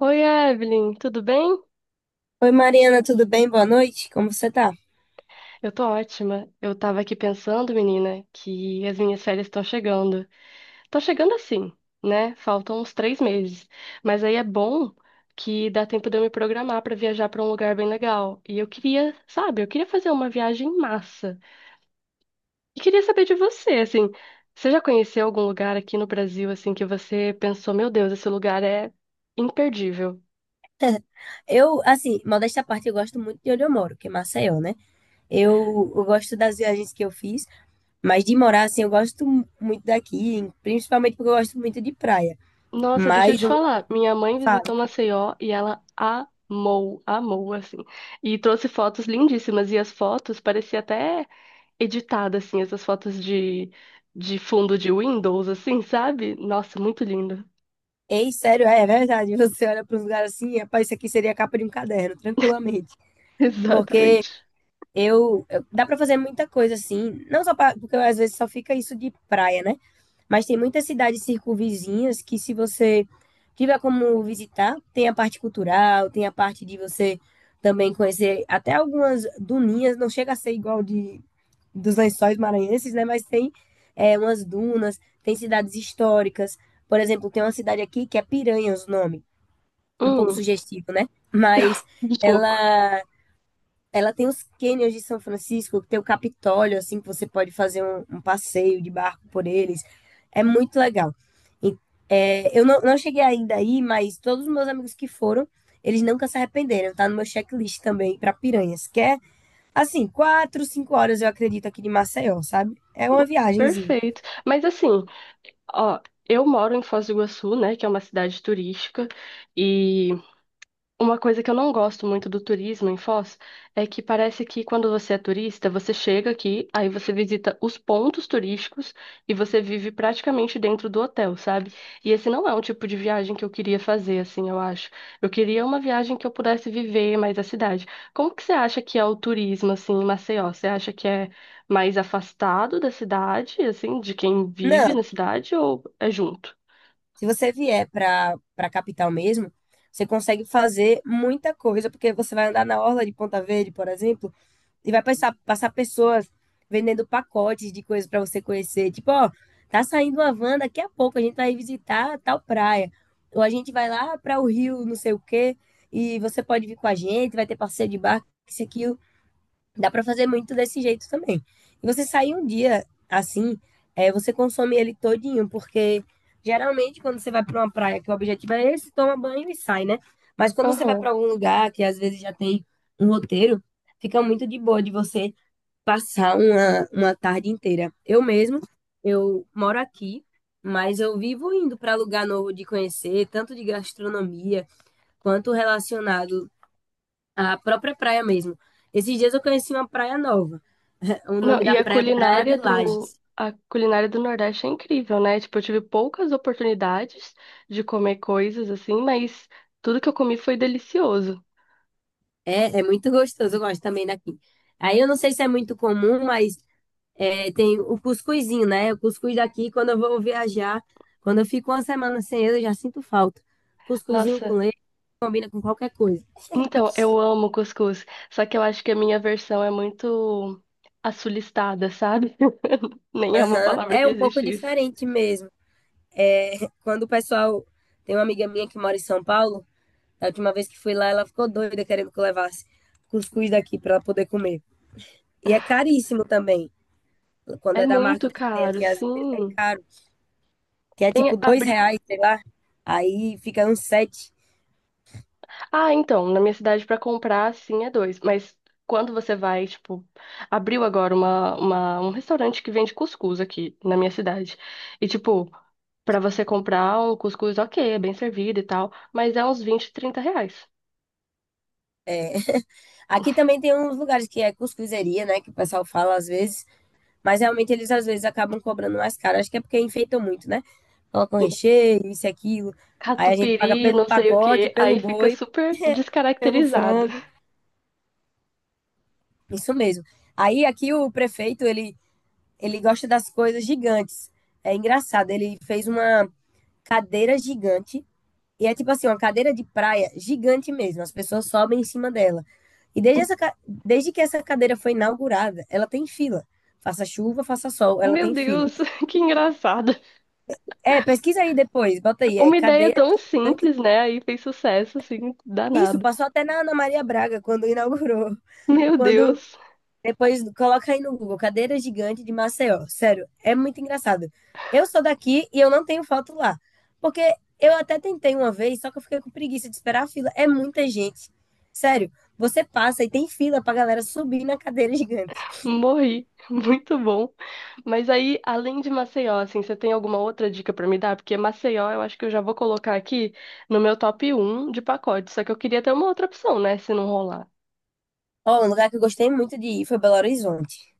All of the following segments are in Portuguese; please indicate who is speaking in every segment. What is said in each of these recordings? Speaker 1: Oi, Evelyn, tudo bem?
Speaker 2: Oi Mariana, tudo bem? Boa noite. Como você tá?
Speaker 1: Eu tô ótima. Eu tava aqui pensando, menina, que as minhas férias estão chegando. Estão chegando assim, né? Faltam uns 3 meses. Mas aí é bom que dá tempo de eu me programar pra viajar pra um lugar bem legal. E eu queria, sabe, eu queria fazer uma viagem massa. E queria saber de você, assim, você já conheceu algum lugar aqui no Brasil, assim, que você pensou, meu Deus, esse lugar é imperdível?
Speaker 2: Eu, assim, modéstia à parte, eu gosto muito de onde eu moro, que é Maceió, né? Eu gosto das viagens que eu fiz, mas de morar, assim, eu gosto muito daqui, principalmente porque eu gosto muito de praia.
Speaker 1: Nossa, deixa eu
Speaker 2: Mas
Speaker 1: te falar. Minha mãe
Speaker 2: falo,
Speaker 1: visitou Maceió e ela amou, amou, assim. E trouxe fotos lindíssimas. E as fotos parecia até editada, assim, essas fotos de fundo de Windows, assim, sabe? Nossa, muito lindo.
Speaker 2: ei, sério, é verdade. Você olha para uns lugares assim, rapaz, isso aqui seria a capa de um caderno, tranquilamente. Porque
Speaker 1: Exatamente.
Speaker 2: dá para fazer muita coisa assim, não só pra, porque às vezes só fica isso de praia, né? Mas tem muitas cidades circunvizinhas que, se você tiver como visitar, tem a parte cultural, tem a parte de você também conhecer até algumas duninhas, não chega a ser igual de dos lençóis maranhenses, né? Mas tem umas dunas, tem cidades históricas. Por exemplo, tem uma cidade aqui que é Piranhas o nome, um pouco
Speaker 1: Hum,
Speaker 2: sugestivo, né? Mas
Speaker 1: um pouco.
Speaker 2: ela ela tem os cânions de São Francisco, que tem o Capitólio, assim, que você pode fazer um passeio de barco por eles. É muito legal. E, eu não cheguei ainda aí, mas todos os meus amigos que foram, eles nunca se arrependeram. Tá no meu checklist também para Piranhas, que é, assim, 4, 5 horas, eu acredito, aqui de Maceió, sabe? É uma viagenzinha.
Speaker 1: Perfeito. Mas assim, ó, eu moro em Foz do Iguaçu, né, que é uma cidade turística, e uma coisa que eu não gosto muito do turismo em Foz é que parece que quando você é turista, você chega aqui, aí você visita os pontos turísticos e você vive praticamente dentro do hotel, sabe? E esse não é um tipo de viagem que eu queria fazer, assim, eu acho. Eu queria uma viagem que eu pudesse viver mais a cidade. Como que você acha que é o turismo, assim, em Maceió? Você acha que é mais afastado da cidade, assim, de quem vive
Speaker 2: Não,
Speaker 1: na cidade ou é junto?
Speaker 2: se você vier para capital mesmo, você consegue fazer muita coisa, porque você vai andar na orla de Ponta Verde, por exemplo, e vai passar pessoas vendendo pacotes de coisas para você conhecer. Tipo, ó, tá saindo uma van, daqui a pouco a gente vai visitar tal praia. Ou a gente vai lá para o rio, não sei o quê, e você pode vir com a gente, vai ter passeio de barco, isso aqui dá para fazer muito desse jeito também. E você sair um dia assim, é, você consome ele todinho, porque geralmente quando você vai para uma praia que o objetivo é esse, toma banho e sai, né? Mas quando você vai
Speaker 1: Aham.
Speaker 2: para algum lugar que às vezes já tem um roteiro, fica muito de boa de você passar uma tarde inteira. Eu mesmo, eu moro aqui, mas eu vivo indo para lugar novo de conhecer, tanto de gastronomia quanto relacionado a própria praia mesmo. Esses dias eu conheci uma praia nova. O
Speaker 1: Não,
Speaker 2: nome
Speaker 1: e
Speaker 2: da praia é Praia de Lages.
Speaker 1: a culinária do Nordeste é incrível, né? Tipo, eu tive poucas oportunidades de comer coisas assim, mas tudo que eu comi foi delicioso.
Speaker 2: É muito gostoso, eu gosto também daqui. Aí eu não sei se é muito comum, mas tem o cuscuzinho, né? O cuscuz daqui, quando eu vou viajar, quando eu fico uma semana sem ele, eu já sinto falta. Cuscuzinho com
Speaker 1: Nossa,
Speaker 2: leite combina com qualquer coisa.
Speaker 1: então eu amo cuscuz, só que eu acho que a minha versão é muito assulistada, sabe? Nem é uma
Speaker 2: Aham.
Speaker 1: palavra
Speaker 2: É
Speaker 1: que
Speaker 2: um pouco
Speaker 1: existe isso.
Speaker 2: diferente mesmo. É, quando o pessoal. Tem uma amiga minha que mora em São Paulo. Da última vez que fui lá, ela ficou doida querendo que eu levasse cuscuz daqui para ela poder comer. E é caríssimo também. Quando
Speaker 1: É
Speaker 2: é da marca
Speaker 1: muito
Speaker 2: que tem
Speaker 1: caro,
Speaker 2: aqui, às vezes é
Speaker 1: sim.
Speaker 2: caro. Que é
Speaker 1: Tem,
Speaker 2: tipo R$ 2, sei lá. Aí fica uns sete.
Speaker 1: ah, então, na minha cidade pra comprar, sim, é dois. Mas quando você vai, tipo, abriu agora um restaurante que vende cuscuz aqui na minha cidade. E, tipo, pra você comprar um cuscuz, ok, é bem servido e tal, mas é uns 20, trinta reais.
Speaker 2: É. Aqui também tem uns lugares que é cuscuzeria, né? Que o pessoal fala às vezes. Mas realmente eles às vezes acabam cobrando mais caro. Acho que é porque enfeitam muito, né? Colocam recheio, isso e aquilo. Aí a gente paga
Speaker 1: Catupiry,
Speaker 2: pelo
Speaker 1: não sei o
Speaker 2: pacote,
Speaker 1: quê,
Speaker 2: pelo
Speaker 1: aí fica
Speaker 2: boi,
Speaker 1: super
Speaker 2: pelo
Speaker 1: descaracterizado.
Speaker 2: frango. Isso mesmo. Aí aqui o prefeito, ele gosta das coisas gigantes. É engraçado, ele fez uma cadeira gigante e é tipo assim, uma cadeira de praia gigante mesmo. As pessoas sobem em cima dela. E desde que essa cadeira foi inaugurada, ela tem fila. Faça chuva, faça sol, ela
Speaker 1: Meu
Speaker 2: tem fila.
Speaker 1: Deus, que engraçado.
Speaker 2: É, pesquisa aí depois, bota aí, é
Speaker 1: Uma ideia
Speaker 2: cadeira
Speaker 1: tão
Speaker 2: gigante.
Speaker 1: simples, né? Aí fez sucesso, assim,
Speaker 2: Isso,
Speaker 1: danado.
Speaker 2: passou até na Ana Maria Braga quando inaugurou.
Speaker 1: Meu
Speaker 2: Quando
Speaker 1: Deus.
Speaker 2: Depois coloca aí no Google, cadeira gigante de Maceió. Sério, é muito engraçado. Eu sou daqui e eu não tenho foto lá. Porque eu até tentei uma vez, só que eu fiquei com preguiça de esperar a fila. É muita gente. Sério, você passa e tem fila pra galera subir na cadeira gigante.
Speaker 1: Morri, muito bom. Mas aí, além de Maceió, assim, você tem alguma outra dica pra me dar? Porque Maceió, eu acho que eu já vou colocar aqui no meu top um de pacote. Só que eu queria ter uma outra opção, né, se não rolar.
Speaker 2: Ó, um lugar que eu gostei muito de ir foi Belo Horizonte.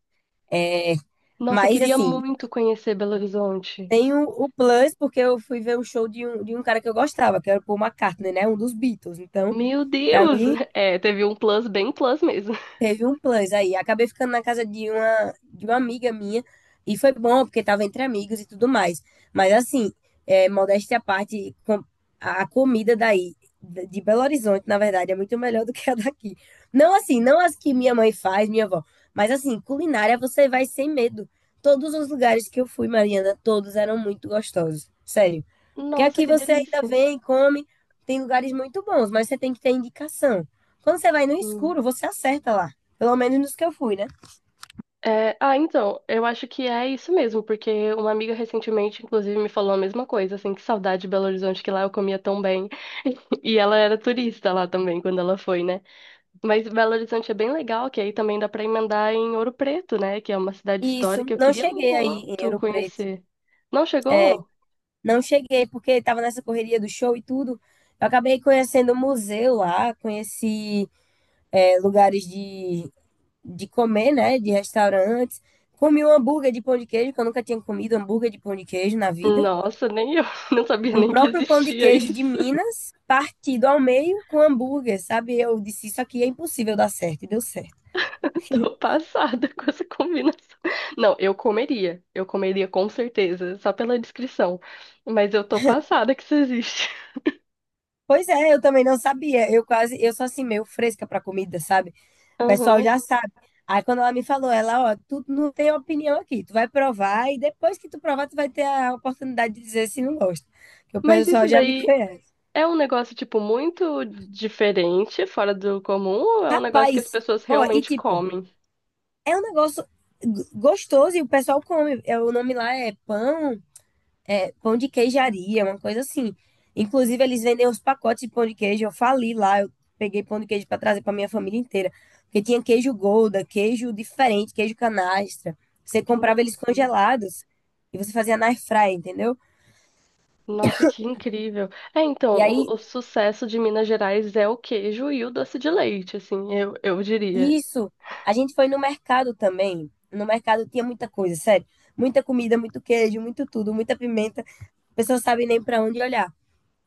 Speaker 2: É,
Speaker 1: Nossa, eu
Speaker 2: mas
Speaker 1: queria
Speaker 2: assim,
Speaker 1: muito conhecer Belo Horizonte.
Speaker 2: tem o plus, porque eu fui ver o show de um cara que eu gostava, que era o Paul McCartney, né? Um dos Beatles. Então,
Speaker 1: Meu
Speaker 2: pra
Speaker 1: Deus!
Speaker 2: mim,
Speaker 1: É, teve um plus bem plus mesmo.
Speaker 2: teve um plus aí. Acabei ficando na casa de uma amiga minha. E foi bom, porque tava entre amigos e tudo mais. Mas assim, modéstia à parte, a comida daí, de Belo Horizonte, na verdade, é muito melhor do que a daqui. Não assim, não as que minha mãe faz, minha avó. Mas assim, culinária você vai sem medo. Todos os lugares que eu fui, Mariana, todos eram muito gostosos. Sério. Porque
Speaker 1: Nossa,
Speaker 2: aqui
Speaker 1: que
Speaker 2: você ainda
Speaker 1: delícia.
Speaker 2: vem, come, tem lugares muito bons, mas você tem que ter indicação. Quando você vai no escuro, você acerta lá. Pelo menos nos que eu fui, né?
Speaker 1: É, ah, então, eu acho que é isso mesmo, porque uma amiga recentemente, inclusive, me falou a mesma coisa, assim, que saudade de Belo Horizonte, que lá eu comia tão bem. E ela era turista lá também, quando ela foi, né? Mas Belo Horizonte é bem legal, que aí também dá pra emendar em Ouro Preto, né? Que é uma cidade
Speaker 2: E isso,
Speaker 1: histórica, eu
Speaker 2: não
Speaker 1: queria
Speaker 2: cheguei aí em
Speaker 1: muito
Speaker 2: Ouro Preto.
Speaker 1: conhecer. Não chegou?
Speaker 2: Não cheguei porque estava nessa correria do show e tudo. Eu acabei conhecendo o museu lá, conheci lugares de comer, né? De restaurantes. Comi um hambúrguer de pão de queijo, que eu nunca tinha comido hambúrguer de pão de queijo na vida.
Speaker 1: Nossa, nem eu não sabia
Speaker 2: Um
Speaker 1: nem que
Speaker 2: próprio pão de
Speaker 1: existia
Speaker 2: queijo de
Speaker 1: isso.
Speaker 2: Minas, partido ao meio com hambúrguer, sabe? Eu disse, isso aqui é impossível dar certo, e deu certo.
Speaker 1: Tô passada com essa combinação. Não, eu comeria. Eu comeria com certeza, só pela descrição. Mas eu tô passada que isso existe.
Speaker 2: Pois é, eu também não sabia. Eu quase, eu sou assim, meio fresca para comida, sabe? O pessoal
Speaker 1: Aham.
Speaker 2: já sabe. Aí quando ela me falou, ela, ó, tu não tem opinião aqui, tu vai provar e depois que tu provar, tu vai ter a oportunidade de dizer se não gosta. Que o
Speaker 1: Mas isso
Speaker 2: pessoal já me
Speaker 1: daí
Speaker 2: conhece.
Speaker 1: é um negócio, tipo, muito diferente, fora do comum, ou é um negócio que
Speaker 2: Rapaz,
Speaker 1: as pessoas
Speaker 2: ó, e
Speaker 1: realmente
Speaker 2: tipo,
Speaker 1: comem?
Speaker 2: é um negócio gostoso e o pessoal come. É, o nome lá é pão de queijaria, uma coisa assim. Inclusive, eles vendem os pacotes de pão de queijo. Eu fali lá, eu peguei pão de queijo para trazer para minha família inteira. Porque tinha queijo Gouda, queijo diferente, queijo canastra. Você comprava eles
Speaker 1: Sim.
Speaker 2: congelados e você fazia na airfryer, entendeu?
Speaker 1: Nossa, que incrível. É, então,
Speaker 2: E aí,
Speaker 1: o sucesso de Minas Gerais é o queijo e o doce de leite, assim, eu diria.
Speaker 2: isso, a gente foi no mercado também. No mercado tinha muita coisa, sério. Muita comida, muito queijo, muito tudo, muita pimenta. A pessoa sabe nem para onde olhar.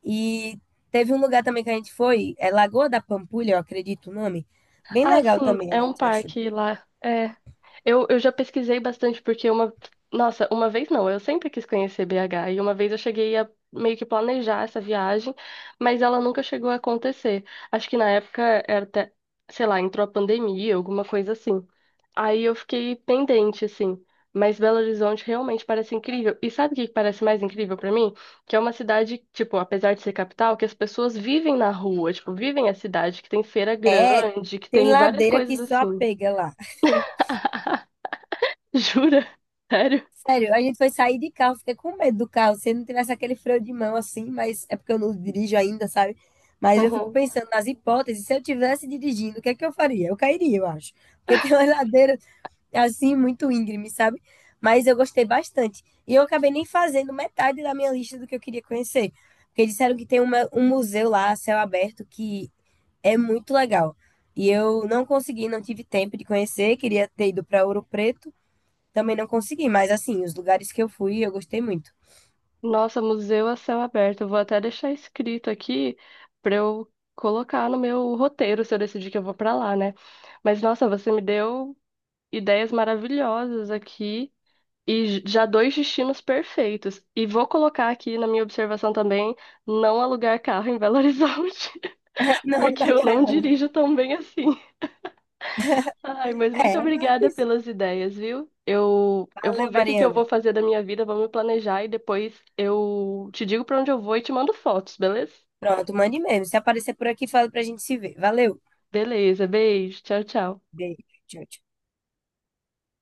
Speaker 2: E teve um lugar também que a gente foi, é Lagoa da Pampulha, eu acredito o nome. Bem
Speaker 1: Ah,
Speaker 2: legal
Speaker 1: sim,
Speaker 2: também, a
Speaker 1: é um
Speaker 2: gente achou.
Speaker 1: parque lá. É. Eu já pesquisei bastante, porque uma. Nossa, uma vez não, eu sempre quis conhecer BH, e uma vez eu cheguei a meio que planejar essa viagem, mas ela nunca chegou a acontecer. Acho que na época era até, sei lá, entrou a pandemia, alguma coisa assim. Aí eu fiquei pendente, assim. Mas Belo Horizonte realmente parece incrível. E sabe o que parece mais incrível pra mim? Que é uma cidade, tipo, apesar de ser capital, que as pessoas vivem na rua, tipo, vivem a cidade, que tem feira
Speaker 2: É,
Speaker 1: grande, que
Speaker 2: tem
Speaker 1: tem várias
Speaker 2: ladeira que
Speaker 1: coisas
Speaker 2: só
Speaker 1: assim.
Speaker 2: pega lá.
Speaker 1: Jura? Sério?
Speaker 2: Sério, a gente foi sair de carro, fiquei com medo do carro, se não tivesse aquele freio de mão assim, mas é porque eu não dirijo ainda, sabe? Mas eu fico
Speaker 1: Uhum.
Speaker 2: pensando nas hipóteses, se eu tivesse dirigindo, o que é que eu faria? Eu cairia, eu acho. Porque tem uma ladeira assim, muito íngreme, sabe? Mas eu gostei bastante. E eu acabei nem fazendo metade da minha lista do que eu queria conhecer. Porque disseram que tem um museu lá, a céu aberto, que é muito legal. E eu não consegui, não tive tempo de conhecer. Queria ter ido para Ouro Preto, também não consegui. Mas, assim, os lugares que eu fui, eu gostei muito.
Speaker 1: Nossa, museu a céu aberto. Eu vou até deixar escrito aqui pra eu colocar no meu roteiro se eu decidir que eu vou pra lá, né? Mas nossa, você me deu ideias maravilhosas aqui e já dois destinos perfeitos. E vou colocar aqui na minha observação também, não alugar carro em Belo Horizonte,
Speaker 2: Não,
Speaker 1: porque
Speaker 2: da
Speaker 1: eu não
Speaker 2: Carla.
Speaker 1: dirijo tão bem assim. Ai, mas
Speaker 2: É,
Speaker 1: muito
Speaker 2: mas.
Speaker 1: obrigada pelas ideias, viu? Eu vou
Speaker 2: Valeu,
Speaker 1: ver o que que eu
Speaker 2: Mariana.
Speaker 1: vou fazer da minha vida, vou me planejar e depois eu te digo pra onde eu vou e te mando fotos, beleza?
Speaker 2: Pronto, mande mesmo. Se aparecer por aqui, fala pra gente se ver. Valeu.
Speaker 1: Beleza, beijo, tchau, tchau.
Speaker 2: Beijo. Tchau, tchau.